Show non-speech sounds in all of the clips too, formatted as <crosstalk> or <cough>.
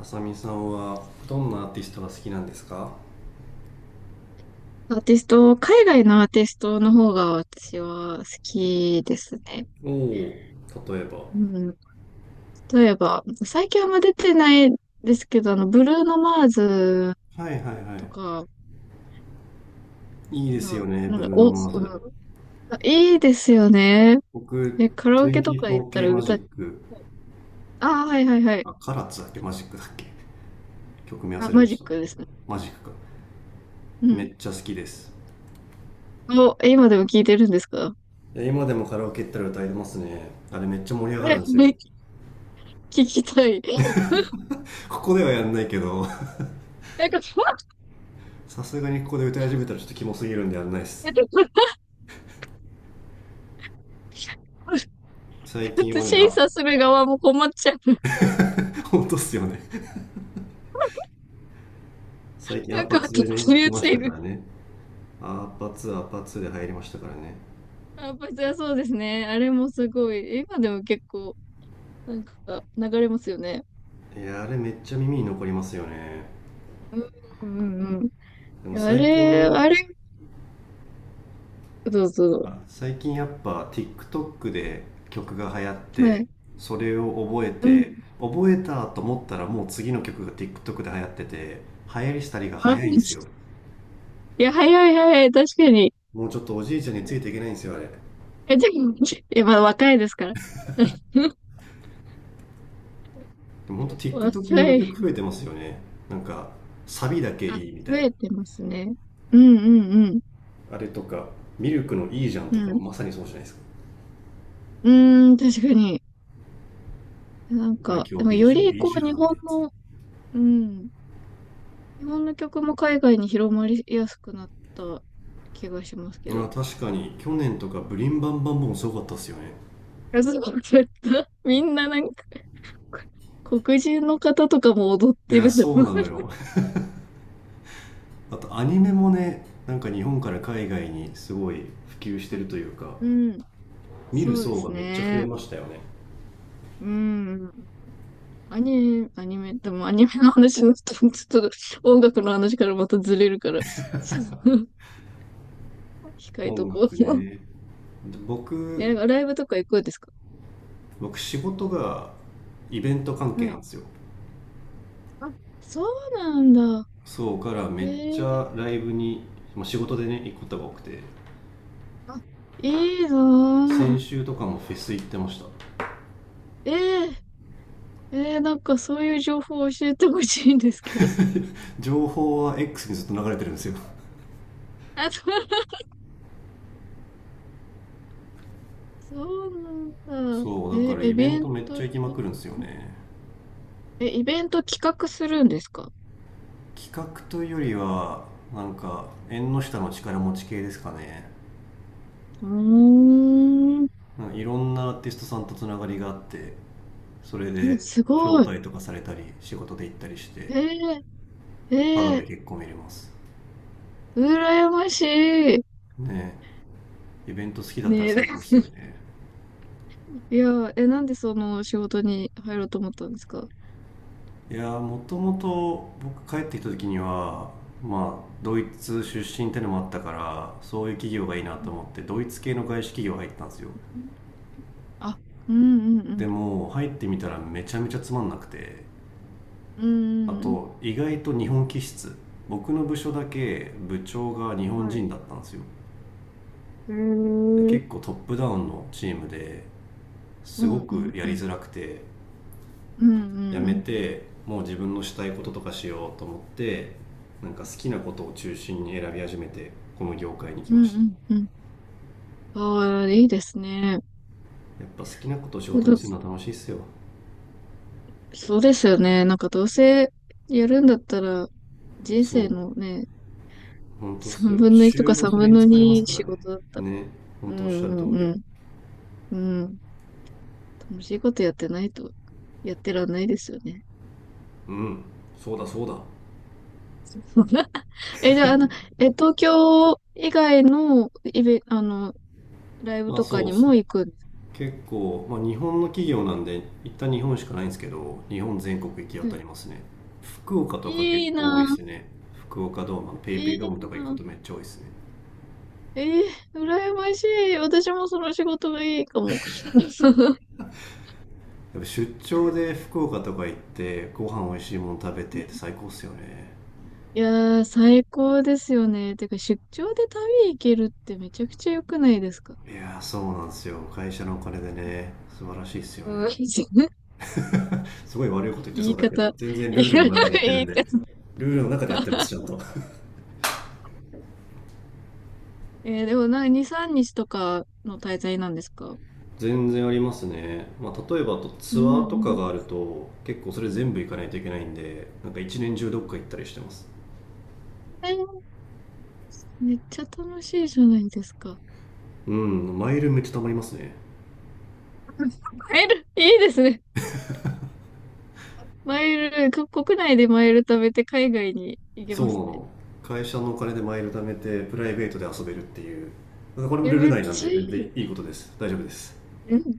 あさみさんはどんなアーティストが好きなんですか？アーティスト、海外のアーティストの方が私は好きですね。おお、例えば？うん。例えば、最近あんま出てないですけど、ブルーノ・マーズはいはいとはか、いいですよあね、なんブか、ルーお、ノ・うマーん、ズ。いいですよね。僕、 で、カラオケとか行ったら 24K マジ歌、あック。あ、はいはいはい。あ、カラッツだっけマジックだっけ。曲名あ、忘れマまジしッた。クですね。マジックか。うめん。っちゃ好きです。お、今でも聞いてるんですか？いや、今でもカラオケ行ったら歌えてますね。あれめっちゃ盛り上がるんですよ。え、聞きたい。<laughs> ここではやんないけど。 <laughs> なんか、ふわっ。 さすがにここで歌い始めたらちょっとキモすぎるんでやんないです。最近 <laughs> はね、審あ。 査する側も困っちゃう。<laughs> 本当っすよね。最近アなんパか、ツで切ねり来落ちましていたかる。らね。アーパ2アーパ2で入りましたからね。あ、パチはそうですね。あれもすごい。今でも結構、なんか、流れますよね。いや、あれめっちゃ耳に残りますよね。うんうんうん。いでもやあ最れ、近あれ、そうそあ、最近やっぱ TikTok で曲が流行っう。はて、い。それを覚えうて、ん。覚えたと思ったらもう次の曲が TikTok で流行ってて、流行りしたりがあ、早いんですよ。いや、早い早い。確かに。もうちょっとおじいちゃんについていけないんですよ、あれで。え、でも、え、まだ若いですから。<laughs> もほんと TikTok 若用のい。曲増えてますよね。なんかサビだけあ、いいみた増いな。えてますね。うんうんあれとか、ミルクのいいじゃんうとかん。うん。まさにそうじゃないですか。うーん、確かに。なん俺か、今で日もビーよジュりいいこじう、ゃん日っ本てやつ。の、うん、日本の曲も海外に広まりやすくなった気がしますけど。いあ、確かに去年とかブリンバンバンボンすごかったっすよね。やそうだった。 <laughs> みんななんか、黒人の方とかも踊っいてや、るとそう思なう。のよ。 <laughs> あと、アニメもね、なんか日本から海外にすごい普及してるというか、うん、見るそうで層がすめっちゃ増えね。ましたよね。うん。アニメ、アニメ、でもアニメの話になっ、ちょっと音楽の話からまたずれるから、<laughs> ちょっと控えと音こう。楽 <laughs> ね。でえ、な僕んかライブとか行くんですか？僕、仕事がイベント関係はなんい。ですよ。あ、そうなんだ。そうからめっちへゃえ、ライブに、仕事でね行くことが多くて。あ、いいなぁ。先週とかもフェス行ってました。えええー、なんかそういう情報を教えてほしいんですけど。<laughs> 情報は X にずっと流れてるんですよ。あ、そう、そうなんだ。そうだからイイベンベントめっちトゃ行きまくき、るんですよね。え、イベント企画するんですか？企画というよりは、なんか縁の下の力持ち系ですかね。うーん、うん、なんかいろんなアーティストさんとつながりがあって、それです招ごい。待とかされたり仕事で行ったりして、えー、えただでー、結構見れます。羨ましい。ね、イベント好きだったらね最高っすよえ、ね。 <laughs> いや、え、なんでその仕事に入ろうと思ったんですか？いやー、もともと僕帰ってきた時には、ドイツ出身ってのもあったからそういう企業がいいなうとん、思ってドイツ系の外資企業入ったんですよ。あ、うんうんうでん。も入ってみたらめちゃめちゃつまんなくて、うあんうん。と意外と日本気質、僕の部署だけ部長が日は本い。人だったんですよ。へえ。で、うん結構トップダウンのチームで、すうごんくやうりん。づらくて、うんう辞んうめん。てもう自分のしたいこととかしようと思って、なんか好きなことを中心に選び始めてこの業界に来うまんしうた。んうん。ああ、いいですね。やっぱ好きなことを仕事にどするのは楽しいっすよ。そうですよね。なんかどうせやるんだったら、人そ生う、のね、本当っす3よ、分の1と週か5 3それ分にの使えます2から仕ね。事だったら、ね、う本当おっしゃんるう通んうり。ん。うん。楽しいことやってないと、やってらんないですよね。うん、そうだそうだ。 <laughs> え、じゃあ、え、東京以外のイベ、ライブあ、とかそう。にも行くんです結構、日本の企業なんで一旦日本しかないんですけど日本全国行き当かたね。りますね。福岡とかいい結構多いでなすね。福岡ドーム、ぁ、ペイペいイいドームとか行くなことめっぁ。ちゃ多いですね。えー、羨ましい。私もその仕事がいいかも。<laughs> やっぱ出張で福岡とか行ってご飯美味しいもの食べてって最高っすよね。いやー、最高ですよね。てか、出張で旅行けるってめちゃくちゃ良くないですか？いやー、そうなんですよ、会社のお金でね。素晴らしいっすようん、<laughs> ね。すごい悪いこと言って言そういだけど方。全 <laughs> 然ルールの中でやってる言んいで。方。ルールの中でやってますち <laughs> ゃんと。えーでもなにさんか2、3日とかの滞在なんですか？全然ありますね、例えばあとうツアーとかん、があると結構それ全部行かないといけないんで、なんか一年中どっか行ったりしてます。えー、めっちゃ楽しいじゃないですか。うん、マイルめっちゃ貯まりますね。 <laughs> マイル、いいですね。マイル、国内でマイル食べて海外に行けそうまなすね。の。会社のお金でマイル貯めてプライベートで遊べるっていう。これもえ、ルールめっ内なんちでゃい全然い。いいことです、大丈夫です。うん、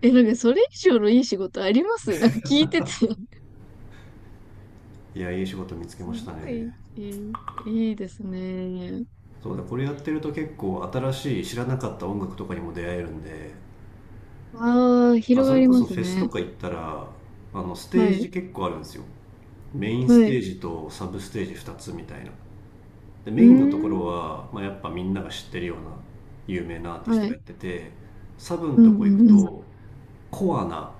え、なんかそれ以上のいい仕事あります、なんか聞いてて。いや、いい仕事見つけすましたごい、ね。いい、いいですね。そうだ、これやってると結構新しい知らなかった音楽とかにも出会えるんで。ああ、まあ、広そがれりこまそフすェスとね。か行ったら、ステはージい、結構あるんですよ。メインスはテい。ージとサブステージ2つみたいな。で、うメーインのところん、は、やっぱみんなが知ってるような有名なアーティスはトがやい。ってて、サブのうん、うとこ行くん、うん。と、コアな、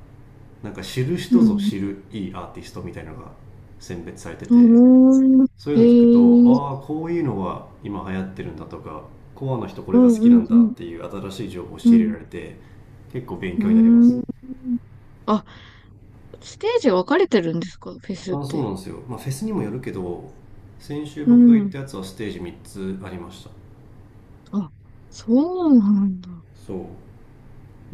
なんか知るう人ぞん。知るいいアーティストみたいなのが選別されてて、あそういうー、の聞くと、へえ、ああ、こういうのが今流行ってるんだとか、コアの人こうれが好ん、うきなん、んうだっん、ていう新しい情報をう仕入れん。られて、結構勉うー強になります。ん。あ、ステージ分かれてるんですか、フェスっあ、そうて？なんですよ。まあ、フェスにもよるけど、先週う僕が行っん。たやつはステージ3つありました。あ、そうなんだ。そう。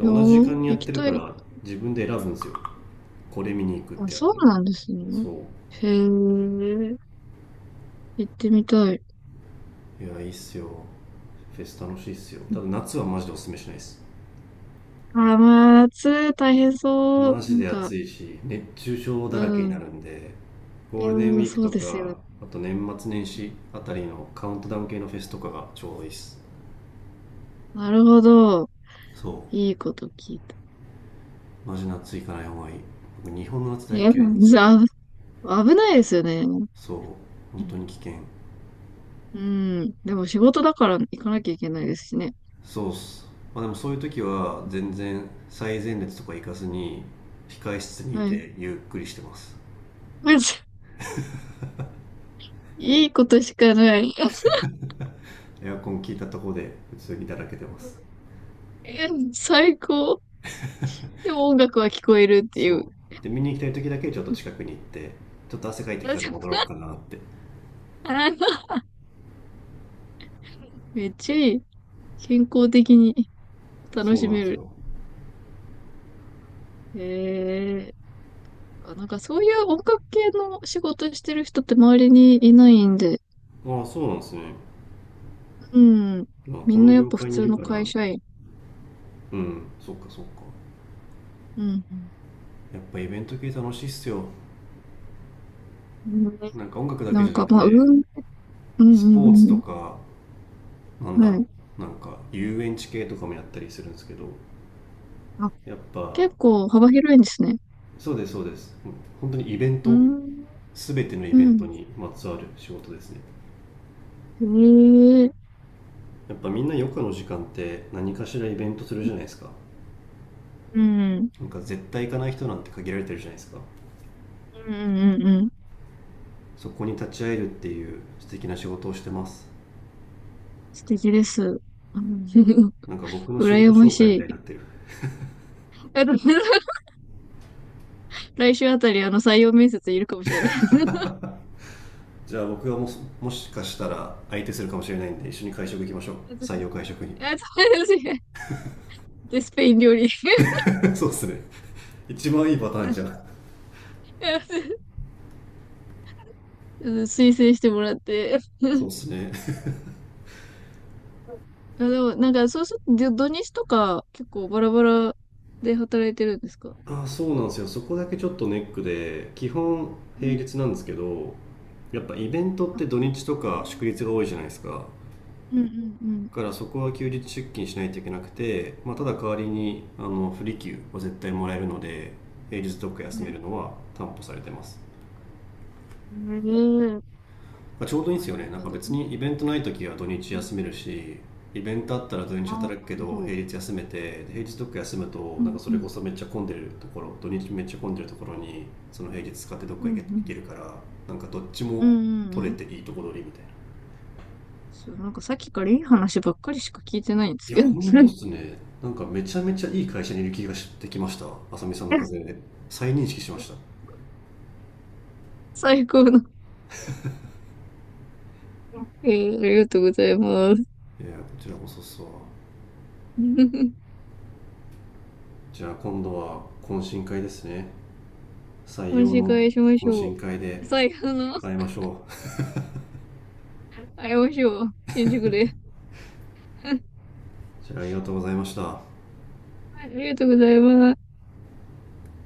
いやじ時ー、間にやっ行きてるたかい。ら、自分で選ぶんですよ。これ見に行くっあ、てやそうつ。なんですね。そへえ、行ってみたい。う。いや、いいっすよ。フェス楽しいっすよ。ただ夏はマジでおすすめしないです。あー、まあ、夏大変そう。マなジんでか、暑いし、熱中症うだらけになん。るんで、ゴールデンウうん、ィークそうとですよね。か、あと年末年始あたりのカウントダウン系のフェスとかがちょうどいいっす。なるほど。そいいこと聞いた。う。マジ夏行かない方がいい。僕、日本の夏大え、嫌いなんですじよ。ゃあ、危ないですよね。うそう、本当ん。に危険。うん、でも仕事だから行かなきゃいけないですしね。そうっす。まあ、でもそういう時は全然最前列とか行かずに控え室にいはい。てゆっくりしてます。 <laughs> まずいいことしかない。<laughs> エアコン効いたとこで普通にだらけてます。え、最高。でも音楽は聞こえるっていう。そうで、見に行きたい時だけちょっと近くに行って、ちょっと汗かいてきたら戻ろうか <laughs> なって。めっちゃいい。健康的に楽そうしなんめでする。よ。へえ。なんかそういう音楽系の仕事してる人って周りにいないんで、ああ、そうなんですね、うん。みこんのなやっ業ぱ普界にい通るのから。会社員。うん、そっかそっか。うん。やっぱイベント系楽しいっすよ。うんね、なんか音楽だけなじんゃなか、くまあ、うて、ん、うスポーツん、うとん、か、なんうだん。はろ、い。なんか遊園地系とかもやったりするんですけど、あ、やっぱ。結構幅広いんですね。そうです、そうです。本当にイベンうト、ん、全てのイうベントん。にまつわる仕事ですね。へえ、やっぱみんな余暇の時間って何かしらイベントするじゃないですか。うん、うん、なんか絶対行かない人なんて限られてるじゃないですか。うん、うん。うん、そこに立ち会えるっていう素敵な仕事をしてます。素敵です。うん、なんか僕 <laughs> の仕事羨ま紹介みたしいにない。ってる。 <laughs> 来週あたり、採用面接いるかもしれないです。じゃあ僕がもしもしかしたら相手するかもしれないんで一緒に会食行きましょう。採用会食に。 <laughs> あ、そうです。デスペイン料理。<laughs> そうっすね、一番いいパターンじゃ <laughs> ん。うん、推薦してもらって。そうで <laughs> すね。 <laughs> いやでも、なんか、そうすると、土日とか、結構バラバラで働いてるんですか？あ、そうなんですよ、そこだけちょっとネックで基本う平ん。日なんですけど、やっぱイベントっあ、て土日とへか祝ー、日が多いじゃないですか。うんうんだからそこは休日出勤しないといけなくて、ただ代わりに不利休は絶対もらえるので、平日どっかうん。休はめい。るのは担保されてます。うん。まあ、ちょうどいいんあ、でやすよね、っなんぱか土別日、にイベントない時は土う日休ん。めるし、イベントあったら土日ああ、な働くけるどほど。平日休めて、で平日どっか休むと、うなんかんそうれこん。そめっちゃ混んでるところ、土日めっちゃ混んでるところにその平日使ってどっうかん行うん。けるから、なんかどっちうんもうんう取ん。れていいとこ取りみたいな。そう、なんかさっきからいい話ばっかりしか聞いてないんでいすや、けど。ほんとっすね。なんかめちゃめちゃいい会社にいる気がしてきました、あさみさんのおかげで。再認識しました。 <laughs> 最高の。えー、ありがとうございます。いや、こちらこそっすわ。 <laughs> じゃあ今度は懇親会ですね、採今用週の会しまし懇ょう。親会で最後の。会いましょう。あい、お塩、<laughs> 信じてくれ。<laughs> じゃあ、ありがとうございました。ありがとうございます。